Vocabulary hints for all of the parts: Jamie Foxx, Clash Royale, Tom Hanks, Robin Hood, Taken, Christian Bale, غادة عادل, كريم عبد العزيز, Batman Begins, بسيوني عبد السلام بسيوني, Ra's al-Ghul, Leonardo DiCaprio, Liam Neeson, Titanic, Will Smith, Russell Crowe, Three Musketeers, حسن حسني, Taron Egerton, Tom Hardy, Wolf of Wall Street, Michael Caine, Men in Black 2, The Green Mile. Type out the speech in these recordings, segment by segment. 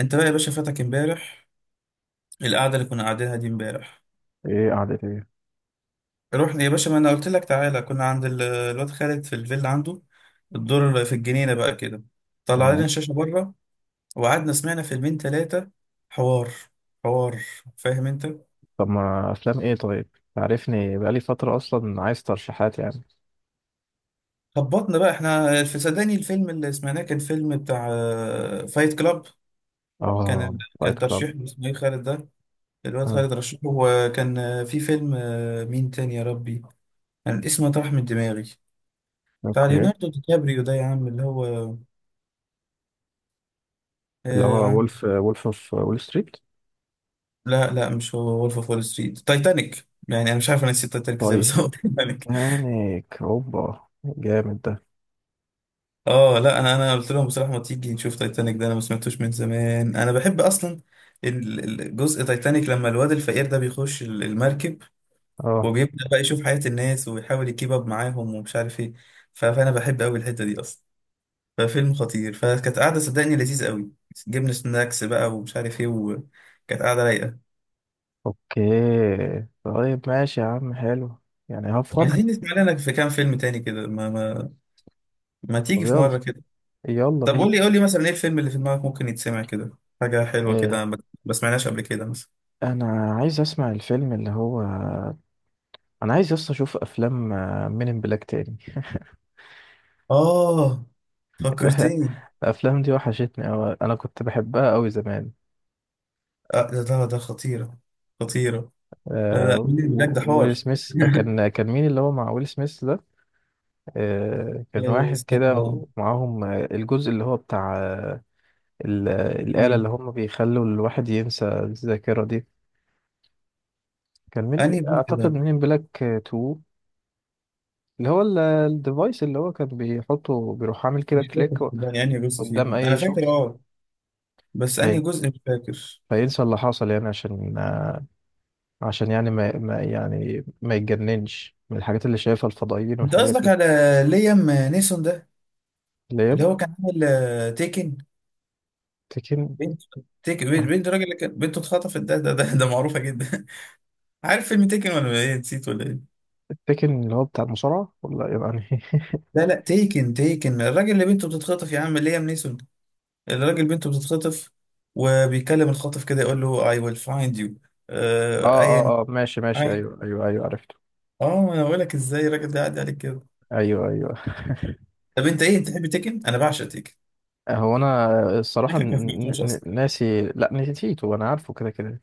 انت بقى يا باشا فاتك امبارح. القعده اللي كنا قاعدينها دي امبارح. ايه قعدة ايه؟ رحنا يا باشا، ما انا قلت لك تعالى، كنا عند الواد خالد في الفيلا عنده، في الدور في الجنينه بقى كده. طلع لنا تمام. الشاشه بره وقعدنا سمعنا فيلمين ثلاثه. حوار، حوار، فاهم انت. طب ما افلام ايه؟ طيب، تعرفني، بقالي فترة اصلا عايز ترشيحات يعني. خبطنا بقى احنا في، صدقني الفيلم اللي سمعناه كان فيلم بتاع فايت كلاب. اه، فايت كان كلاب. ترشيح، اسمه ايه خالد ده، الواد آه. خالد رشحه، وكان في فيلم، مين تاني يا ربي، كان اسمه طرح من دماغي، بتاع اوكي. ليوناردو دي كابريو ده يا عم، اللي هو اللي هو آه... وولف اوف وول ستريت. لا لا، مش هو وولف اوف وول ستريت، تايتانيك. يعني انا مش عارف انا نسيت تايتانيك ازاي بس طيب. هو تايتانيك. تانيك اوبا جامد ده. اه لا، انا قلت لهم بصراحه، ما تيجي نشوف تايتانيك ده، انا ما سمعتوش من زمان، انا بحب اصلا جزء تايتانيك لما الواد الفقير ده بيخش المركب اه. وبيبدا بقى يشوف حياه الناس ويحاول يكيب اب معاهم ومش عارف ايه. فانا بحب قوي الحته دي اصلا. ففيلم خطير، فكانت قاعده صدقني لذيذ قوي، جبنا سناكس بقى ومش عارف ايه، وكانت قاعده رايقه. اوكي. طيب ماشي يا عم، حلو. يعني هفض. عايزين نسمع لنا في كام فيلم تاني كده، ما ما تيجي طب في يلا. مرة كده. يلا طب بينا. قول لي قول لي مثلا ايه الفيلم اللي في دماغك ممكن يتسمع كده، حاجة حلوة إيه. كده ما سمعناش قبل كده مثلا. انا عايز اسمع الفيلم اللي هو، انا عايز اصلا اشوف افلام من ان بلاك تاني. اه، فكرتني. الافلام دي وحشتني أوي، انا كنت بحبها أوي زمان. آه ده خطيرة، خطيرة. لا آه. لا، مين اللي بلاك ده، ويل حوار. سميث كان مين اللي هو مع ويل سميث ده؟ آه، كان واحد كده استنى. ومعاهم، الجزء اللي هو بتاع الآلة اللي مين؟ هم بيخلوا الواحد ينسى الذاكرة دي. كان مين؟ انهي جزء اعتقد ده؟ مين بلاك 2، اللي هو الديفايس اللي هو كان بيحطه، بيروح عامل كده مش فاكر كليك صدقني انهي جزء قدام فيهم، انا اي فاكر شخص، اه، بس انهي في- جزء مش فاكر. فينسى اللي حصل يعني، عشان يعني ما يعني ما يتجننش من الحاجات اللي شايفها الفضائيين انت والحاجات قصدك دي. على ليام نيسون ده؟ اللي هي اللي هو كان عامل تيكن تكن. بنت تيكن، بنت الراجل اللي كان بنته اتخطفت، ده معروفه جدا. عارف فيلم تيكن ولا ايه؟ نسيت ولا ايه؟ التكن اللي هو بتاع المصارعة، ولا يعني؟ لا لا، تيكن الراجل اللي بنته بتتخطف يا عم، ليام نيسون، الراجل بنته بتتخطف، وبيكلم الخاطف كده يقول له I will find you. اه، آه ايا. اه، اه، ماشي، ماشي، أي- ايوه، ايوه، ايوه، عرفته. اه انا بقول لك ازاي الراجل ده قاعد عليك كده. ايوه، ايوه. طب انت ايه، انت تحب تيكن؟ انا بعشق تيكن. هو انا الصراحة تيكن ما سمعتوش اصلا. ناسي، لا نسيته، انا عارفه كده كده.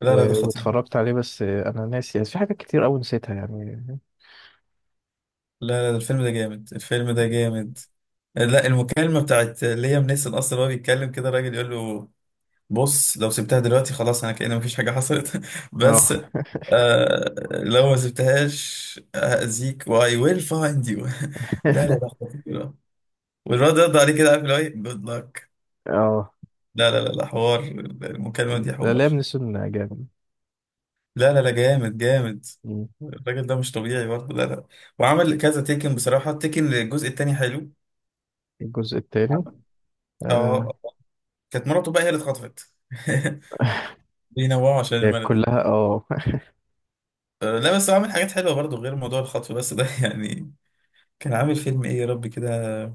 لا لا، ده خطير. واتفرجت عليه، بس انا ناسي يعني، في حاجات كتير قوي نسيتها يعني. لا لا، ده الفيلم ده جامد، الفيلم ده جامد. لا، المكالمة بتاعت ليام نيسون أصلا وهو بيتكلم كده، الراجل يقول له بص، لو سبتها دلوقتي خلاص انا كأن مفيش حاجة حصلت بس، اه. لو ما سبتهاش هأذيك. واي ويل فايند يو. لا لا لا، خطيرة. والواد رد عليه كده، عارف اللي هو ايه، جود لك. اه، لا لا لا لا، حوار. المكالمة دي لا، حوار. لام نسون جامد. لا لا لا، جامد جامد. مم. الراجل ده مش طبيعي برضه، لا لا. وعمل كذا تيكن، بصراحة التيكن الجزء التاني حلو. الجزء التاني. آه. اه. كانت مراته بقى هي اللي اتخطفت بينوعوا عشان الملل. كلها، اه. لا، بس هو عامل حاجات حلوة برضه غير موضوع الخطف بس ده يعني. كان عامل فيلم ايه يا رب كده؟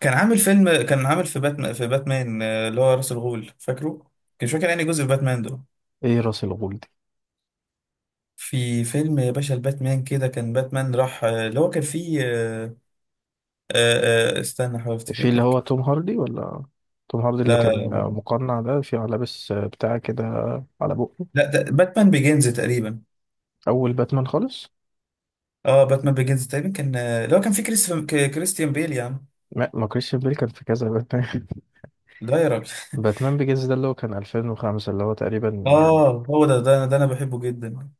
كان عامل فيلم، كان عامل في باتمان اللي هو راس الغول فاكره. كان مش فاكر انهي جزء في باتمان ده. ايه راس الغول دي؟ في فيلم يا باشا الباتمان كده، كان باتمان راح اللي هو كان فيه، استنى، احاول افتكر في اللي لك. هو توم هاردي، ولا توم هاردي اللي كان لا مقنع ده، في لابس بتاع كده على بقه؟ لا، ده باتمان بيجينز تقريبا. اول باتمان خالص. اه باتمان بيجينز تقريبا، كان اللي هو كان فيه كريستيان بيل يا عم. ما ما كريستيان بيل كان في كذا باتمان. ده يا راجل باتمان بيجز ده اللي هو كان 2005، اللي هو تقريبا يعني. اه، هو ده ده انا بحبه جدا.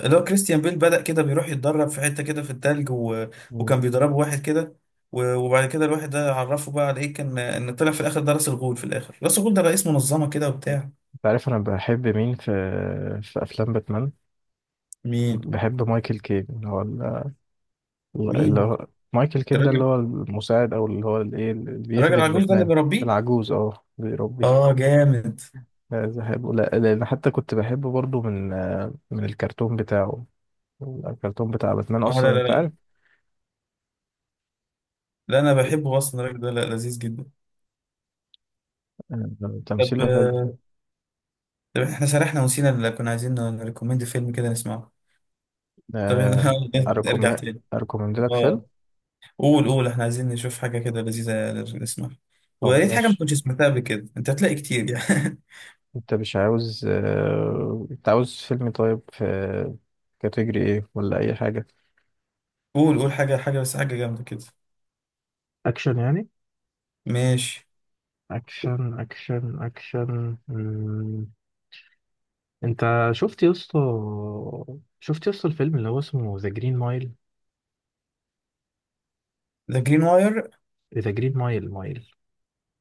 اللي هو كريستيان بيل بدأ كده بيروح يتدرب في حتة كده في التلج مم. وكان بيدربه واحد كده، وبعد كده الواحد ده عرفه بقى على ايه، كان ان طلع في الاخر ده راس الغول، في الاخر راس الغول ده رئيس منظمة كده وبتاع. انت عارف انا بحب مين في افلام باتمان؟ مين بحب مايكل كين، اللي هو اللي مين هو، مايكل كين ده اللي الراجل هو المساعد، او اللي هو الايه اللي الراجل بيخدم العجوز ده اللي باتمان. بيربيه. العجوز، بيربي. اه جامد. عايز احبه لا لان حتى كنت بحبه برضو من الكرتون بتاعه. الكرتون بتاع باتمان اه لا اصلا، لا انت لا عارف؟ لا، انا بحبه اصلا الراجل ده، لا، لذيذ جدا. طب تمثيله حلو. طب احنا سرحنا ونسينا اللي كنا عايزين نريكومند فيلم كده نسمعه. طب آه، ارجع أركم تاني. أركومند لك فيلم. اه، قول قول، احنا عايزين نشوف حاجة كده لذيذة نسمعها، طب ويا ريت حاجة ما ماشي. كنتش سمعتها قبل كده، انت هتلاقي كتير يعني. أنت مش عاوز أنت عاوز فيلم، طيب في كاتيجري إيه، ولا أي حاجة؟ قول قول حاجة بس، حاجة جامدة كده. اكشن يعني؟ ماشي. اكشن، اكشن، اكشن. مم. انت شفت يا اسطى، الفيلم اللي هو اسمه ذا جرين مايل؟ ذا جرين واير، ذا جرين مايل، مايل.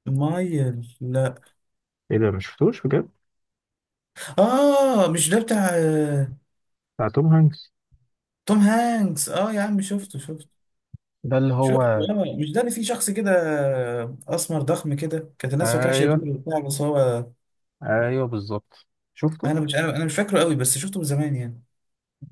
مايل، لا. ايه ده، مش شفتوش بجد؟ اه مش ده بتاع بتاع توم هانكس. توم هانكس؟ اه يا عم شفته، شفته ده اللي هو، شفته. اه مش ده اللي فيه شخص كده اسمر ضخم كده، كانت الناس فاكراه شرير ايوه، وبتاع بس هو، ايوه بالظبط، شفته. انا مش انا أنا مش فاكره قوي، بس شفته من زمان يعني.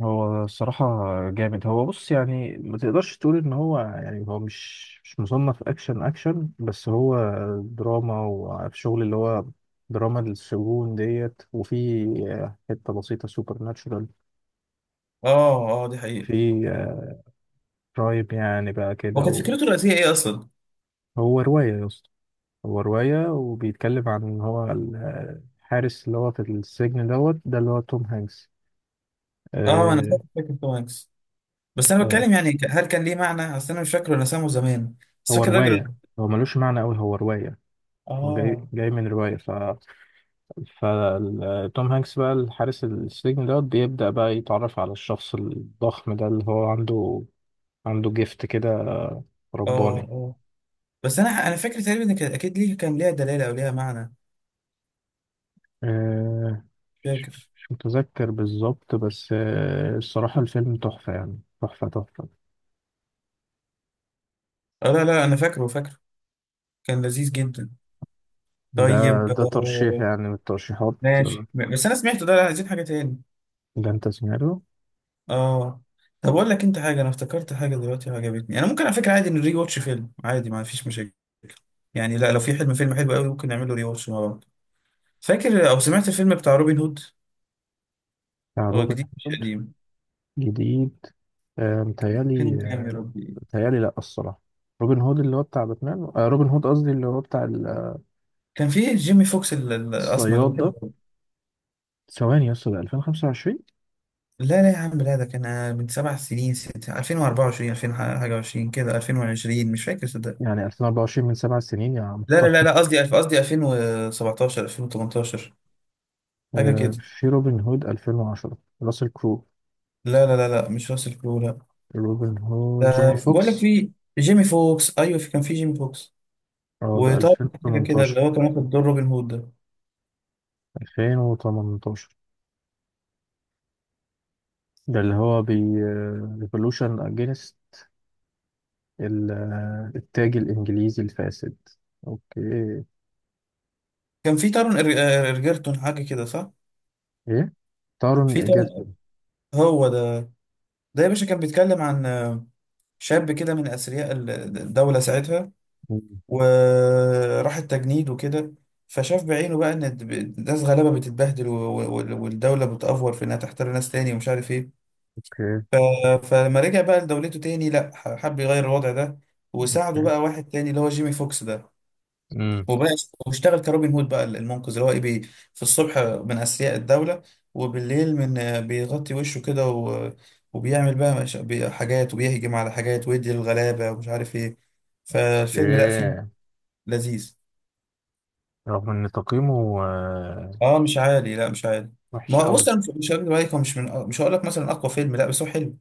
هو الصراحة جامد، هو بص يعني، ما تقدرش تقول ان هو يعني، هو مش مصنف اكشن اكشن، بس هو دراما، وعارف شغل اللي هو دراما السجون ديت، وفي حتة بسيطة سوبر ناتشورال، اه اه، دي حقيقة. في كرايم يعني بقى هو كانت كده. فكرته الرئيسية ايه اصلا؟ وهو رواية يا اسطى، هو رواية، وبيتكلم عن ان هو الحارس اللي هو في السجن دوت ده اللي هو توم هانكس. اه انا آه، فاكر توم هانكس. بس انا آه، بتكلم يعني، هل كان ليه معنى؟ اصل انا مش فاكره، انا سامه زمان بس هو فاكر الراجل. رواية، هو ملوش معنى أوي، هو رواية. هو جاي اه. جاي من رواية، فتوم هانكس بقى الحارس السجن ده بيبدأ بقى يتعرف على الشخص الضخم ده اللي هو عنده جيفت كده اه رباني. اه، بس انا فاكر تقريبا ان كان اكيد ليه، كان ليها دلاله او ليها معنى. آه، فاكر. مش متذكر بالظبط، بس الصراحة الفيلم تحفة يعني، تحفة تحفة. اه لا لا، انا فاكره فاكره، كان لذيذ جدا. ده، طيب ده ترشيح يعني من الترشيحات. آه، ماشي بس انا سمعته ده، لا، عايزين حاجه تاني. ده انت سمعته. اه. طب اقول لك انت حاجه، انا افتكرت حاجه دلوقتي وعجبتني، انا ممكن على فكره عادي نري واتش فيلم، عادي ما فيش مشاكل يعني. لا، لو في حلم فيلم حلو قوي ممكن نعمله ري واتش مع بعض. فاكر او سمعت الفيلم بتاع روبن هود؟ بتاع هو روبن جديد مش هود؟ قديم. جديد. متهيألي. فيلم كام يا ربي؟ بيتهيألي لأ الصراحة. روبن هود اللي هو بتاع باتمان، روبن هود قصدي، اللي هو بتاع كان في جيمي فوكس، الاسمر ده الصياد بحبه ده. أوي. ثواني يا اسطى، ده 2025؟ لا لا يا عم، لا، ده كان من 7 سنين، ست 2024، 2000 حاجه و20 كده، 2020، مش فاكر صدق. يعني 2024 من 7 سنين يا لا لا لا محترم؟ لا، قصدي قصدي 2017، 2018 حاجه آه، كده. في روبن هود 2010 راسل كرو. لا لا لا لا، مش راسل كرو، لا. روبن هود ده جيمي بقول لك فوكس. في، جيمي فوكس ايوه، في، كان في جيمي فوكس، اه، ده وطارون حاجه كده، 2018. اللي هو كان واخد دور روبن هود ده. 2018 ده اللي هو بي ريفولوشن اجينست التاج الانجليزي الفاسد. اوكي. كان في تارون إرجرتون حاجه كده، صح. ايه، تارون في تارون، ايجرتون. هو ده. ده يا باشا كان بيتكلم عن شاب كده من أثرياء الدولة ساعتها، مم. وراح التجنيد وكده. فشاف بعينه بقى إن ناس غلابة بتتبهدل والدولة بتأفور في إنها تحتار ناس تاني ومش عارف إيه. اوكي. ف- فلما رجع بقى لدولته تاني، لأ، حب يغير الوضع ده، وساعده اوكي. بقى واحد تاني اللي هو جيمي فوكس ده. امم. وبقى واشتغل كروبن هود بقى المنقذ، اللي هو ايه، في الصبح من اثرياء الدوله، وبالليل، من بيغطي وشه كده وبيعمل بقى مش... بي- حاجات، وبيهجم على حاجات ويدي الغلابه ومش عارف ايه. فالفيلم لا، فيه اوكي. لذيذ. رغم ان تقييمه، اه مش عالي، لا مش عالي. وحش ما هو قوي. بص، انا مش هقول عليك، هو مش، من مش هقول لك مثلا اقوى فيلم لا، بس هو حلو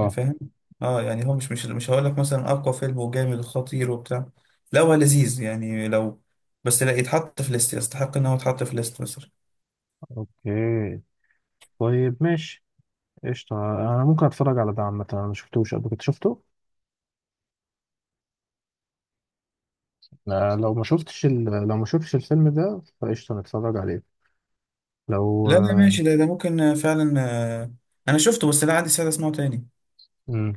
يعني، فاهم. اه يعني هو مش هقول لك مثلا اقوى فيلم وجامد وخطير وبتاع، لا، هو لذيذ يعني لو، بس لا، يتحط في ليست، يستحق ان هو يتحط في ليست بس. اوكي. طيب ماشي. قشطة، انا ممكن اتفرج على ده عامة، انا ما شفتوش قبل كده، شفته. لا، لو ما شفتش لو ما شفتش الفيلم ده فقشطة نتفرج عليه. لو. لا لا ماشي، ده ممكن فعلا. آه، انا شفته بس لا، عندي سعادة اسمعه تاني. امم.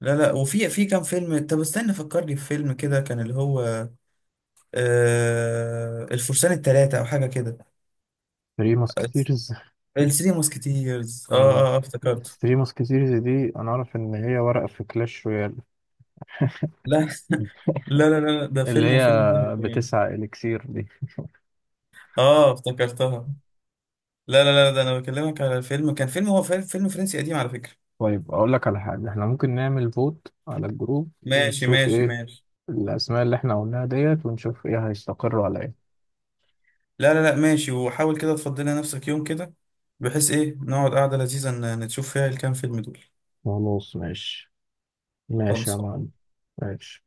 لا لا، وفي كام فيلم، طب استنى فكرني في فيلم كده كان اللي هو الفرسان الثلاثة او حاجة كده. ثري ماسكتيرز. الثري موسكيتيرز، او افتكرته. ثري ماسكتيرز دي، انا اعرف ان هي ورقة في كلاش رويال، لا لا لا لا، ده اللي فيلم، هي وفيلم حلو كمان. بتسعة اليكسير دي. اه افتكرتها. لا لا لا، ده انا بكلمك على فيلم، كان فيلم، هو فيلم فرنسي قديم على فكرة. طيب اقول لك على حاجة، احنا ممكن نعمل فوت على الجروب ماشي ونشوف ماشي ايه ماشي. الأسماء اللي احنا قلناها ديت، ونشوف ايه هيستقروا على ايه. لا لا لا ماشي، وحاول كده تفضلي نفسك يوم كده، بحيث ايه، نقعد قعدة لذيذة نشوف فيها الكام فيلم دول. خلاص ماشي. ماشي يا خلصان. معلم. ماشي.